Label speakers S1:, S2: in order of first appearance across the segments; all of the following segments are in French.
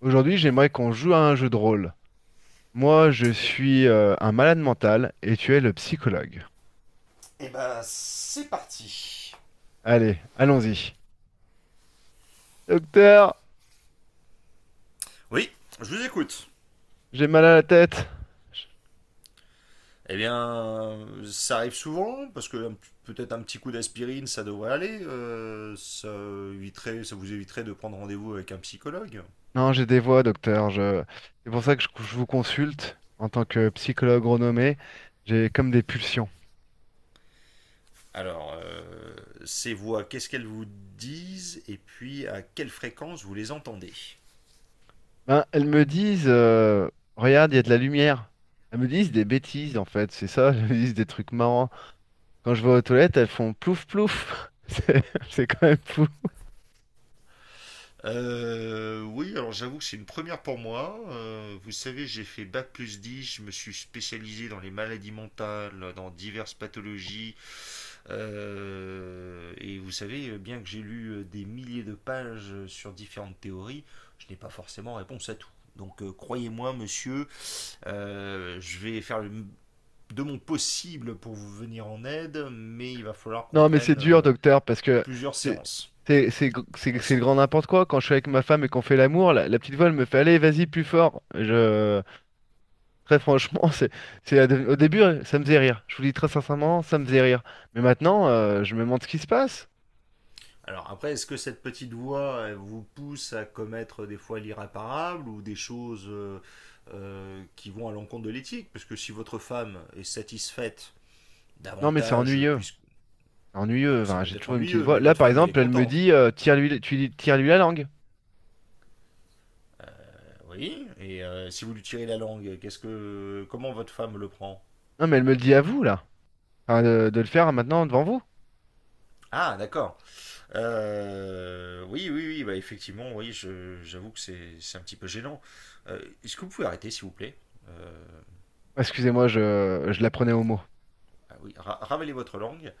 S1: Aujourd'hui, j'aimerais qu'on joue à un jeu de rôle. Moi, je
S2: Et,
S1: suis un malade mental et tu es le psychologue.
S2: et ben, c'est parti.
S1: Allez, allons-y. Docteur,
S2: Oui, je vous écoute.
S1: j'ai mal à la tête.
S2: Eh bien, ça arrive souvent, parce que peut-être un petit coup d'aspirine, ça devrait aller. Ça vous éviterait de prendre rendez-vous avec un psychologue.
S1: Non, j'ai des voix, docteur. Je... C'est pour ça que je vous consulte en tant que psychologue renommé. J'ai comme des pulsions.
S2: Alors, ces voix, qu'est-ce qu'elles vous disent et puis à quelle fréquence vous les entendez?
S1: Ben, elles me disent, regarde, il y a de la lumière. Elles me disent des bêtises, en fait, c'est ça. Elles me disent des trucs marrants. Quand je vais aux toilettes, elles font plouf plouf. C'est quand même fou.
S2: Oui, alors j'avoue que c'est une première pour moi. Vous savez, j'ai fait Bac plus 10, je me suis spécialisé dans les maladies mentales, dans diverses pathologies. Et vous savez, bien que j'ai lu des milliers de pages sur différentes théories, je n'ai pas forcément réponse à tout. Donc croyez-moi, monsieur, je vais faire le de mon possible pour vous venir en aide, mais il va falloir qu'on
S1: Non, mais c'est
S2: prenne
S1: dur, docteur, parce que
S2: plusieurs
S1: c'est
S2: séances
S1: c'est le
S2: ensemble.
S1: grand n'importe quoi. Quand je suis avec ma femme et qu'on fait l'amour, la petite voix, elle me fait, allez, vas-y, plus fort. Je... Très franchement, c'est, au début, ça me faisait rire. Je vous dis très sincèrement, ça me faisait rire. Mais maintenant, je me demande ce qui se passe.
S2: Alors après, est-ce que cette petite voix elle vous pousse à commettre des fois l'irréparable ou des choses qui vont à l'encontre de l'éthique? Parce que si votre femme est satisfaite
S1: Non, mais c'est
S2: davantage,
S1: ennuyeux.
S2: puisque
S1: C'est ennuyeux.
S2: c'est
S1: Enfin, j'ai
S2: peut-être
S1: toujours une petite
S2: ennuyeux,
S1: voix.
S2: mais
S1: Là,
S2: votre
S1: par
S2: femme elle est
S1: exemple, elle me
S2: contente.
S1: dit, tire-lui la langue.
S2: Oui. Et si vous lui tirez la langue, qu'est-ce que comment votre femme le prend?
S1: Non, mais elle me le dit à vous, là. Enfin, de le faire maintenant devant vous.
S2: Ah, d'accord. Oui, oui, oui, bah effectivement, oui, j'avoue que c'est un petit peu gênant. Est-ce que vous pouvez arrêter s'il vous plaît? Euh,
S1: Excusez-moi, je la prenais au mot.
S2: ah oui, ravalez votre langue.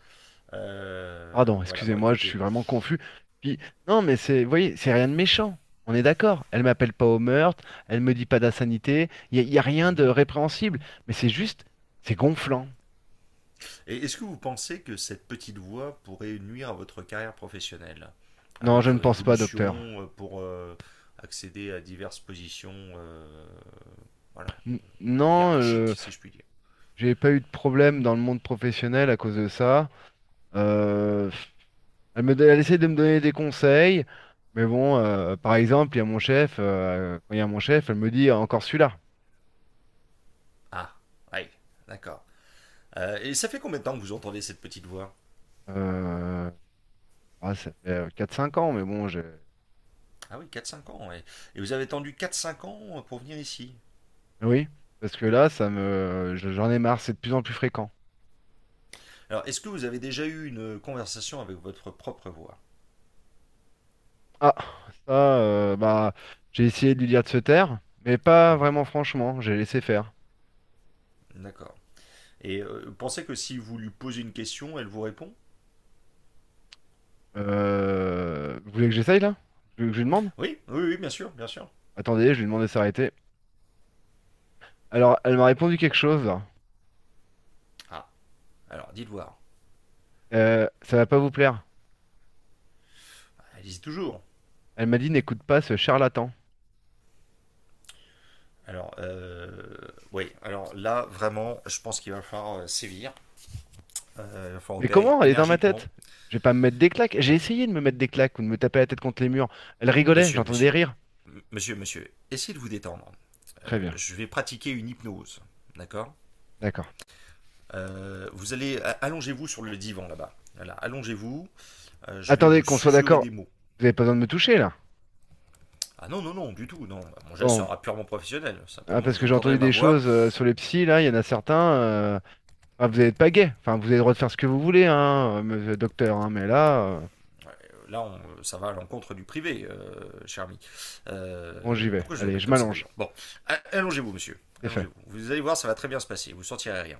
S2: Euh,
S1: Pardon,
S2: voilà, bon,
S1: excusez-moi, je suis
S2: écoutez.
S1: vraiment confus. Puis, non, mais c'est, vous voyez, c'est rien de méchant. On est d'accord. Elle m'appelle pas au meurtre, elle me dit pas d'insanité, il y, a y a rien de
S2: Mm-hmm.
S1: répréhensible. Mais c'est juste, c'est gonflant.
S2: Et est-ce que vous pensez que cette petite voix pourrait nuire à votre carrière professionnelle, à
S1: Non, je ne
S2: votre
S1: pense pas,
S2: évolution,
S1: docteur.
S2: pour accéder à diverses positions, voilà,
S1: N- non,
S2: hiérarchiques,
S1: euh,
S2: si je puis dire?
S1: j'ai pas eu de problème dans le monde professionnel à cause de ça. Euh, elle elle essaie de me donner des conseils, mais bon, par exemple, il y a mon chef, quand il y a mon chef, elle me dit encore celui-là.
S2: Ah, oui, d'accord. Et ça fait combien de temps que vous entendez cette petite voix?
S1: Euh, ah, ça fait 4-5 ans, mais bon, j'ai.
S2: Ah, oui, 4-5 ans, ouais. Et vous avez attendu 4-5 ans pour venir ici.
S1: Oui, parce que là, j'en ai marre, c'est de plus en plus fréquent.
S2: Alors, est-ce que vous avez déjà eu une conversation avec votre propre voix?
S1: Ah, ça, bah, j'ai essayé de lui dire de se taire, mais pas
S2: Mhm.
S1: vraiment franchement, j'ai laissé faire.
S2: D'accord. Et pensez que si vous lui posez une question, elle vous répond?
S1: Vous voulez que j'essaye là? Vous voulez que je lui demande?
S2: Oui, oui, oui, bien sûr, bien sûr.
S1: Attendez, je lui demande de s'arrêter. Alors, elle m'a répondu quelque chose.
S2: Ah, alors dites voir.
S1: Ça va pas vous plaire.
S2: Allez-y toujours.
S1: Elle m'a dit, n'écoute pas ce charlatan.
S2: Alors, oui, alors là, vraiment, je pense qu'il va falloir sévir. Il va falloir
S1: Mais
S2: opérer
S1: comment? Elle est dans ma
S2: énergiquement.
S1: tête. Je vais pas me mettre des claques. J'ai essayé de me mettre des claques ou de me taper la tête contre les murs. Elle rigolait,
S2: Monsieur,
S1: j'entendais des
S2: monsieur,
S1: rires.
S2: monsieur, monsieur, essayez de vous détendre. Euh,
S1: Très bien,
S2: je vais pratiquer une hypnose, d'accord?
S1: d'accord.
S2: Allongez-vous sur le divan là-bas. Voilà, allongez-vous. Je vais
S1: Attendez,
S2: vous
S1: qu'on soit
S2: susurrer
S1: d'accord.
S2: des mots.
S1: Vous avez pas besoin de me toucher là.
S2: Ah, non, non, non, du tout, non. Mon geste
S1: Bon,
S2: sera purement professionnel.
S1: ah,
S2: Simplement,
S1: parce
S2: vous
S1: que j'ai
S2: entendrez
S1: entendu
S2: ma
S1: des
S2: voix.
S1: choses sur les psys, là, il y en a certains. Ah, vous n'êtes pas gay. Enfin, vous avez le droit de faire ce que vous voulez, hein, monsieur le docteur, hein, mais là,
S2: Ouais. Là, ça va à l'encontre du privé, cher ami.
S1: bon, j'y
S2: Euh,
S1: vais.
S2: pourquoi je vous
S1: Allez,
S2: appelle
S1: je
S2: comme ça
S1: m'allonge.
S2: d'ailleurs? Bon, allongez-vous, monsieur.
S1: C'est fait.
S2: Allongez-vous. Vous allez voir, ça va très bien se passer. Vous ne sentirez rien.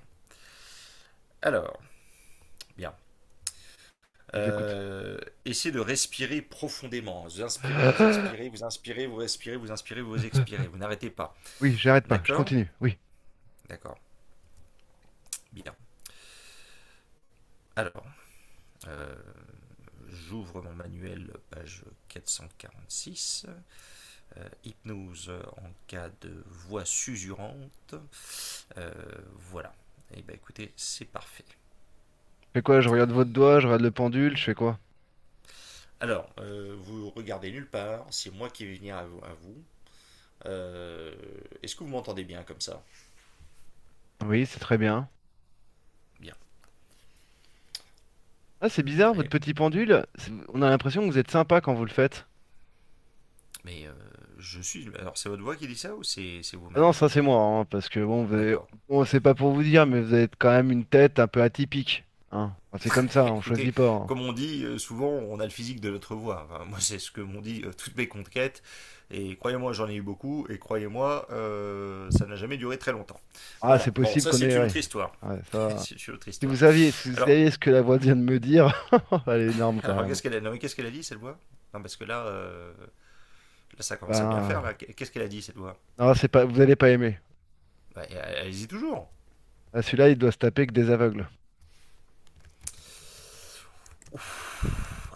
S2: Alors, bien.
S1: Je vous écoute.
S2: Euh, essayez de respirer profondément. Vous inspirez, vous expirez, vous inspirez, vous respirez, vous inspirez, vous expirez. Vous n'arrêtez pas.
S1: Oui, j'arrête pas, je
S2: D'accord.
S1: continue. Oui.
S2: D'accord. Bien. Alors, euh, j'ouvre mon manuel, page 446. Hypnose en cas de voix susurrante. Euh, voilà. Et bah écoutez, c'est parfait.
S1: Je fais quoi? Je regarde votre doigt, je regarde le pendule, je fais quoi?
S2: Alors, vous regardez nulle part, c'est moi qui vais venir à vous. À vous. Euh, Est-ce que vous m'entendez bien comme ça?
S1: Oui, c'est très bien.
S2: Bien,
S1: Ah, c'est bizarre, votre
S2: prêt.
S1: petit pendule, on a l'impression que vous êtes sympa quand vous le faites.
S2: Mais je suis. Alors, c'est votre voix qui dit ça ou c'est
S1: Ah non,
S2: vous-même?
S1: ça c'est moi, hein, parce que bon,
S2: D'accord.
S1: bon, c'est pas pour vous dire, mais vous avez quand même une tête un peu atypique. Hein. Enfin, c'est comme ça, on
S2: Écoutez,
S1: choisit pas. Hein.
S2: comme on dit souvent, on a le physique de notre voix. Enfin, moi, c'est ce que m'ont dit toutes mes conquêtes. Et croyez-moi, j'en ai eu beaucoup. Et croyez-moi, ça n'a jamais duré très longtemps.
S1: Ah, c'est
S2: Voilà. Bon,
S1: possible
S2: ça,
S1: qu'on
S2: c'est
S1: ait.
S2: une
S1: Ouais.
S2: autre histoire.
S1: Ouais, ça...
S2: C'est une autre
S1: Si vous
S2: histoire.
S1: saviez, si vous
S2: Alors,
S1: saviez ce que la voix vient de me dire, elle est énorme quand même.
S2: Non, mais qu'est-ce qu'elle a dit cette voix? Non, parce que là, là ça commence à bien faire
S1: Ben,
S2: là. Qu'est-ce qu'elle a dit cette voix?
S1: non, c'est pas, vous allez pas aimer.
S2: Bah, elle hésite toujours.
S1: Ah, celui-là, il doit se taper que des aveugles.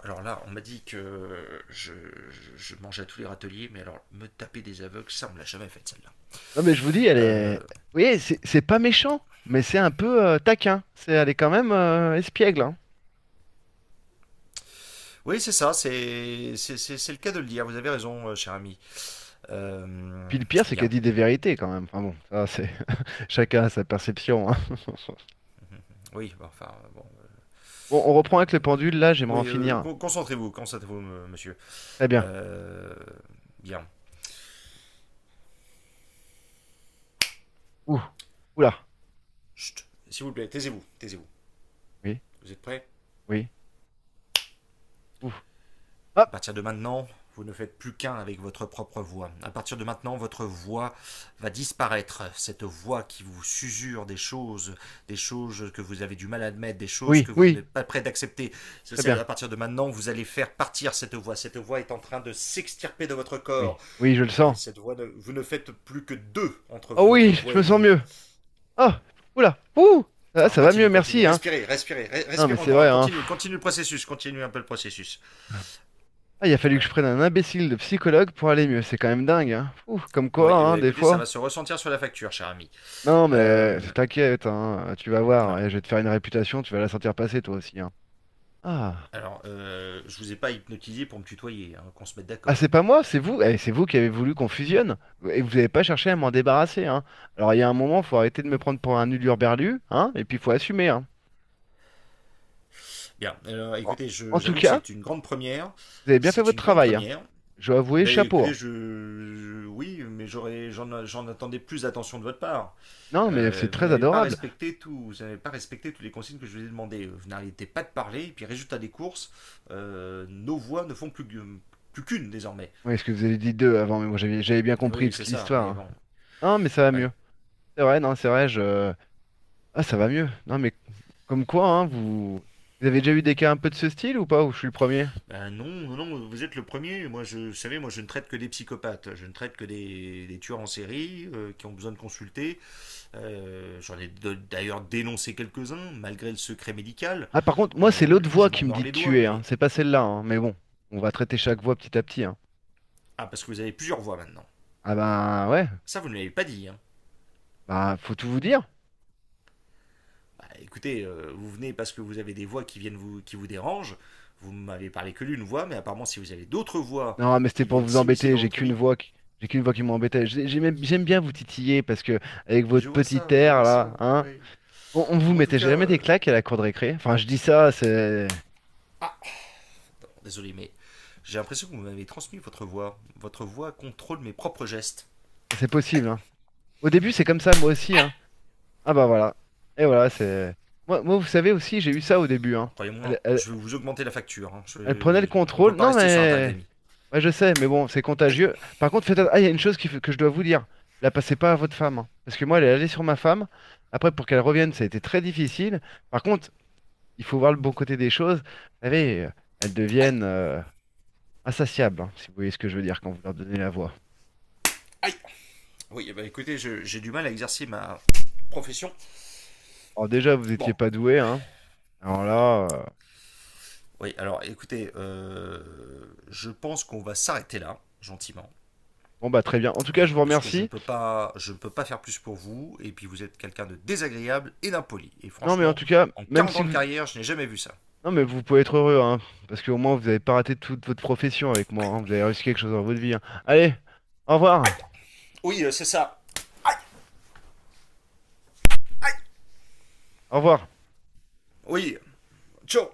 S2: Alors là, on m'a dit que je mangeais à tous les râteliers, mais alors me taper des aveugles, ça on me l'a jamais fait celle-là.
S1: Non, mais je vous dis, elle est.
S2: Euh,
S1: Vous voyez, c'est pas méchant, mais c'est un peu taquin. Elle est quand même espiègle. Hein.
S2: oui, c'est ça, c'est le cas de le dire. Vous avez raison, cher ami. Euh,
S1: Puis le pire, c'est qu'elle
S2: bien.
S1: dit des vérités quand même. Enfin bon, ça, c'est chacun a sa perception. Hein.
S2: Oui, bon, enfin bon.
S1: Bon, on reprend avec le pendule. Là, j'aimerais en
S2: Oui,
S1: finir.
S2: concentrez-vous, concentrez-vous, monsieur.
S1: Très bien.
S2: Euh, bien.
S1: Ouh, oula.
S2: Chut. S'il vous plaît, taisez-vous, taisez-vous.
S1: Oui,
S2: Vous êtes prêts?
S1: oui, ouh. Ah,
S2: À partir de maintenant, vous ne faites plus qu'un avec votre propre voix. À partir de maintenant, votre voix va disparaître. Cette voix qui vous susure des choses que vous avez du mal à admettre, des choses
S1: oui,
S2: que vous
S1: oui.
S2: n'êtes pas prêt d'accepter.
S1: Très bien.
S2: À partir de maintenant, vous allez faire partir cette voix. Cette voix est en train de s'extirper de votre
S1: Oui,
S2: corps.
S1: oui, je le
S2: Et
S1: sens.
S2: cette voix, vous ne faites plus que deux entre
S1: Oh
S2: votre
S1: oui,
S2: voix
S1: je me
S2: et
S1: sens
S2: vous.
S1: mieux. Oh, oula, ouh, ça,
S2: Alors,
S1: ça va mieux,
S2: continue, continue.
S1: merci, hein.
S2: Respirez, respirez,
S1: Non, mais
S2: respirez
S1: c'est
S2: encore.
S1: vrai, hein.
S2: Continue,
S1: pfff.
S2: continue le processus. Continue un peu le processus.
S1: Ah, il a fallu que je
S2: Voilà.
S1: prenne un imbécile de psychologue pour aller mieux, c'est quand même dingue, hein. Ouh, comme quoi,
S2: Oui,
S1: hein, des
S2: écoutez, ça
S1: fois.
S2: va se ressentir sur la facture, cher ami.
S1: Non, mais
S2: Euh,
S1: t'inquiète, hein, tu vas voir, ouais,
S2: alors,
S1: je vais te faire une réputation, tu vas la sentir passer toi aussi, hein. Ah,
S2: alors, je vous ai pas hypnotisé pour me tutoyer, hein, qu'on se mette
S1: ah,
S2: d'accord.
S1: c'est pas moi, c'est vous, eh, c'est vous qui avez voulu qu'on fusionne, et vous n'avez pas cherché à m'en débarrasser, hein. Alors il y a un moment, faut arrêter de me prendre pour un hurluberlu, hein, et puis faut assumer, hein.
S2: Bien, alors,
S1: En,
S2: écoutez,
S1: en tout
S2: j'avoue que
S1: cas,
S2: c'est une grande première.
S1: vous avez bien fait
S2: C'est une
S1: votre
S2: grande
S1: travail, hein.
S2: première.
S1: Je dois avouer,
S2: Ben
S1: chapeau.
S2: écoutez,
S1: Hein.
S2: oui, mais j'en attendais plus d'attention de votre part.
S1: Non, mais c'est
S2: Euh, vous
S1: très
S2: n'avez pas
S1: adorable.
S2: respecté tout, vous n'avez pas respecté toutes les consignes que je vous ai demandées. Vous n'arrêtez pas de parler, et puis résultat des courses, nos voix ne font plus, plus qu'une désormais.
S1: Oui, est-ce que vous avez dit deux avant, mais moi j'avais bien
S2: Eh, oui,
S1: compris
S2: oui,
S1: toute
S2: c'est ça,
S1: l'histoire.
S2: mais
S1: Hein.
S2: bon,
S1: Non, mais ça va
S2: oui.
S1: mieux. C'est vrai, non, c'est vrai, je... Ah, ça va mieux. Non, mais comme quoi, hein, vous... Vous avez déjà eu des cas un peu de ce style ou pas, ou je suis le premier?
S2: Ben, non, non, vous êtes le premier. Vous savez, moi, je ne traite que des psychopathes. Je ne traite que des tueurs en série, qui ont besoin de consulter. J'en ai d'ailleurs dénoncé quelques-uns, malgré le secret médical.
S1: Ah, par contre, moi, c'est
S2: Euh,
S1: l'autre voix
S2: je
S1: qui
S2: m'en
S1: me
S2: mords
S1: dit de
S2: les doigts,
S1: tuer, hein.
S2: mais.
S1: C'est pas celle-là, hein. Mais bon, on va traiter chaque voix petit à petit, hein.
S2: Ah, parce que vous avez plusieurs voix maintenant.
S1: Ah bah, ouais,
S2: Ça, vous ne l'avez pas dit, hein.
S1: bah, faut tout vous dire.
S2: Bah, écoutez, vous venez parce que vous avez des voix qui vous dérangent. Vous m'avez parlé que d'une voix, mais apparemment, si vous avez d'autres voix
S1: Non, mais c'était
S2: qui
S1: pour
S2: viennent
S1: vous
S2: s'immiscer
S1: embêter,
S2: dans
S1: j'ai
S2: votre
S1: qu'une
S2: vie.
S1: voix qui... J'ai qu'une voix qui m'embêtait. J'aime bien vous titiller parce que avec
S2: Mais
S1: votre petit
S2: je
S1: air
S2: vois
S1: là,
S2: ça,
S1: hein,
S2: oui.
S1: On vous
S2: Mais en tout
S1: mettait
S2: cas.
S1: jamais des claques à la cour de récré? Enfin, je dis ça, c'est
S2: Ah, désolé, mais j'ai l'impression que vous m'avez transmis votre voix. Votre voix contrôle mes propres gestes.
S1: c'est possible, hein. Au début, c'est comme ça, moi aussi, hein. Ah bah voilà. Et voilà, c'est. Moi, vous savez aussi, j'ai eu ça au début, hein.
S2: Alors,
S1: Elle,
S2: croyez-moi,
S1: elle-
S2: je vais vous augmenter la facture, hein.
S1: elle prenait le
S2: On
S1: contrôle.
S2: peut pas
S1: Non,
S2: rester sur un tarif
S1: mais.
S2: d'amis.
S1: Ouais, je sais, mais bon, c'est
S2: Aïe,
S1: contagieux. Par contre, Ah, il y a une chose que je dois vous dire. La passez pas à votre femme, hein. Parce que moi, elle est allée sur ma femme. Après, pour qu'elle revienne, ça a été très difficile. Par contre, il faut voir le bon côté des choses. Vous savez, elles
S2: aïe,
S1: deviennent insatiables, hein, si vous voyez ce que je veux dire quand vous leur donnez la voix.
S2: aïe. Oui, bah écoutez, j'ai du mal à exercer ma profession.
S1: Alors déjà, vous
S2: Bon.
S1: n'étiez pas doué, hein. Alors là,
S2: Oui, alors écoutez, je pense qu'on va s'arrêter là, gentiment,
S1: bon bah très bien. En tout cas, je vous
S2: parce que je ne
S1: remercie.
S2: peux pas, je ne peux pas faire plus pour vous. Et puis vous êtes quelqu'un de désagréable et d'impoli. Et
S1: Non, mais en
S2: franchement,
S1: tout cas,
S2: en
S1: même
S2: 40
S1: si
S2: ans de
S1: vous,
S2: carrière, je n'ai jamais vu ça.
S1: non mais vous pouvez être heureux, hein, parce qu'au moins vous avez pas raté toute votre profession avec moi. Hein. Vous avez réussi quelque chose dans votre vie. Hein. Allez, au revoir,
S2: Oui, c'est ça. Aïe.
S1: au revoir.
S2: Oui. Ciao.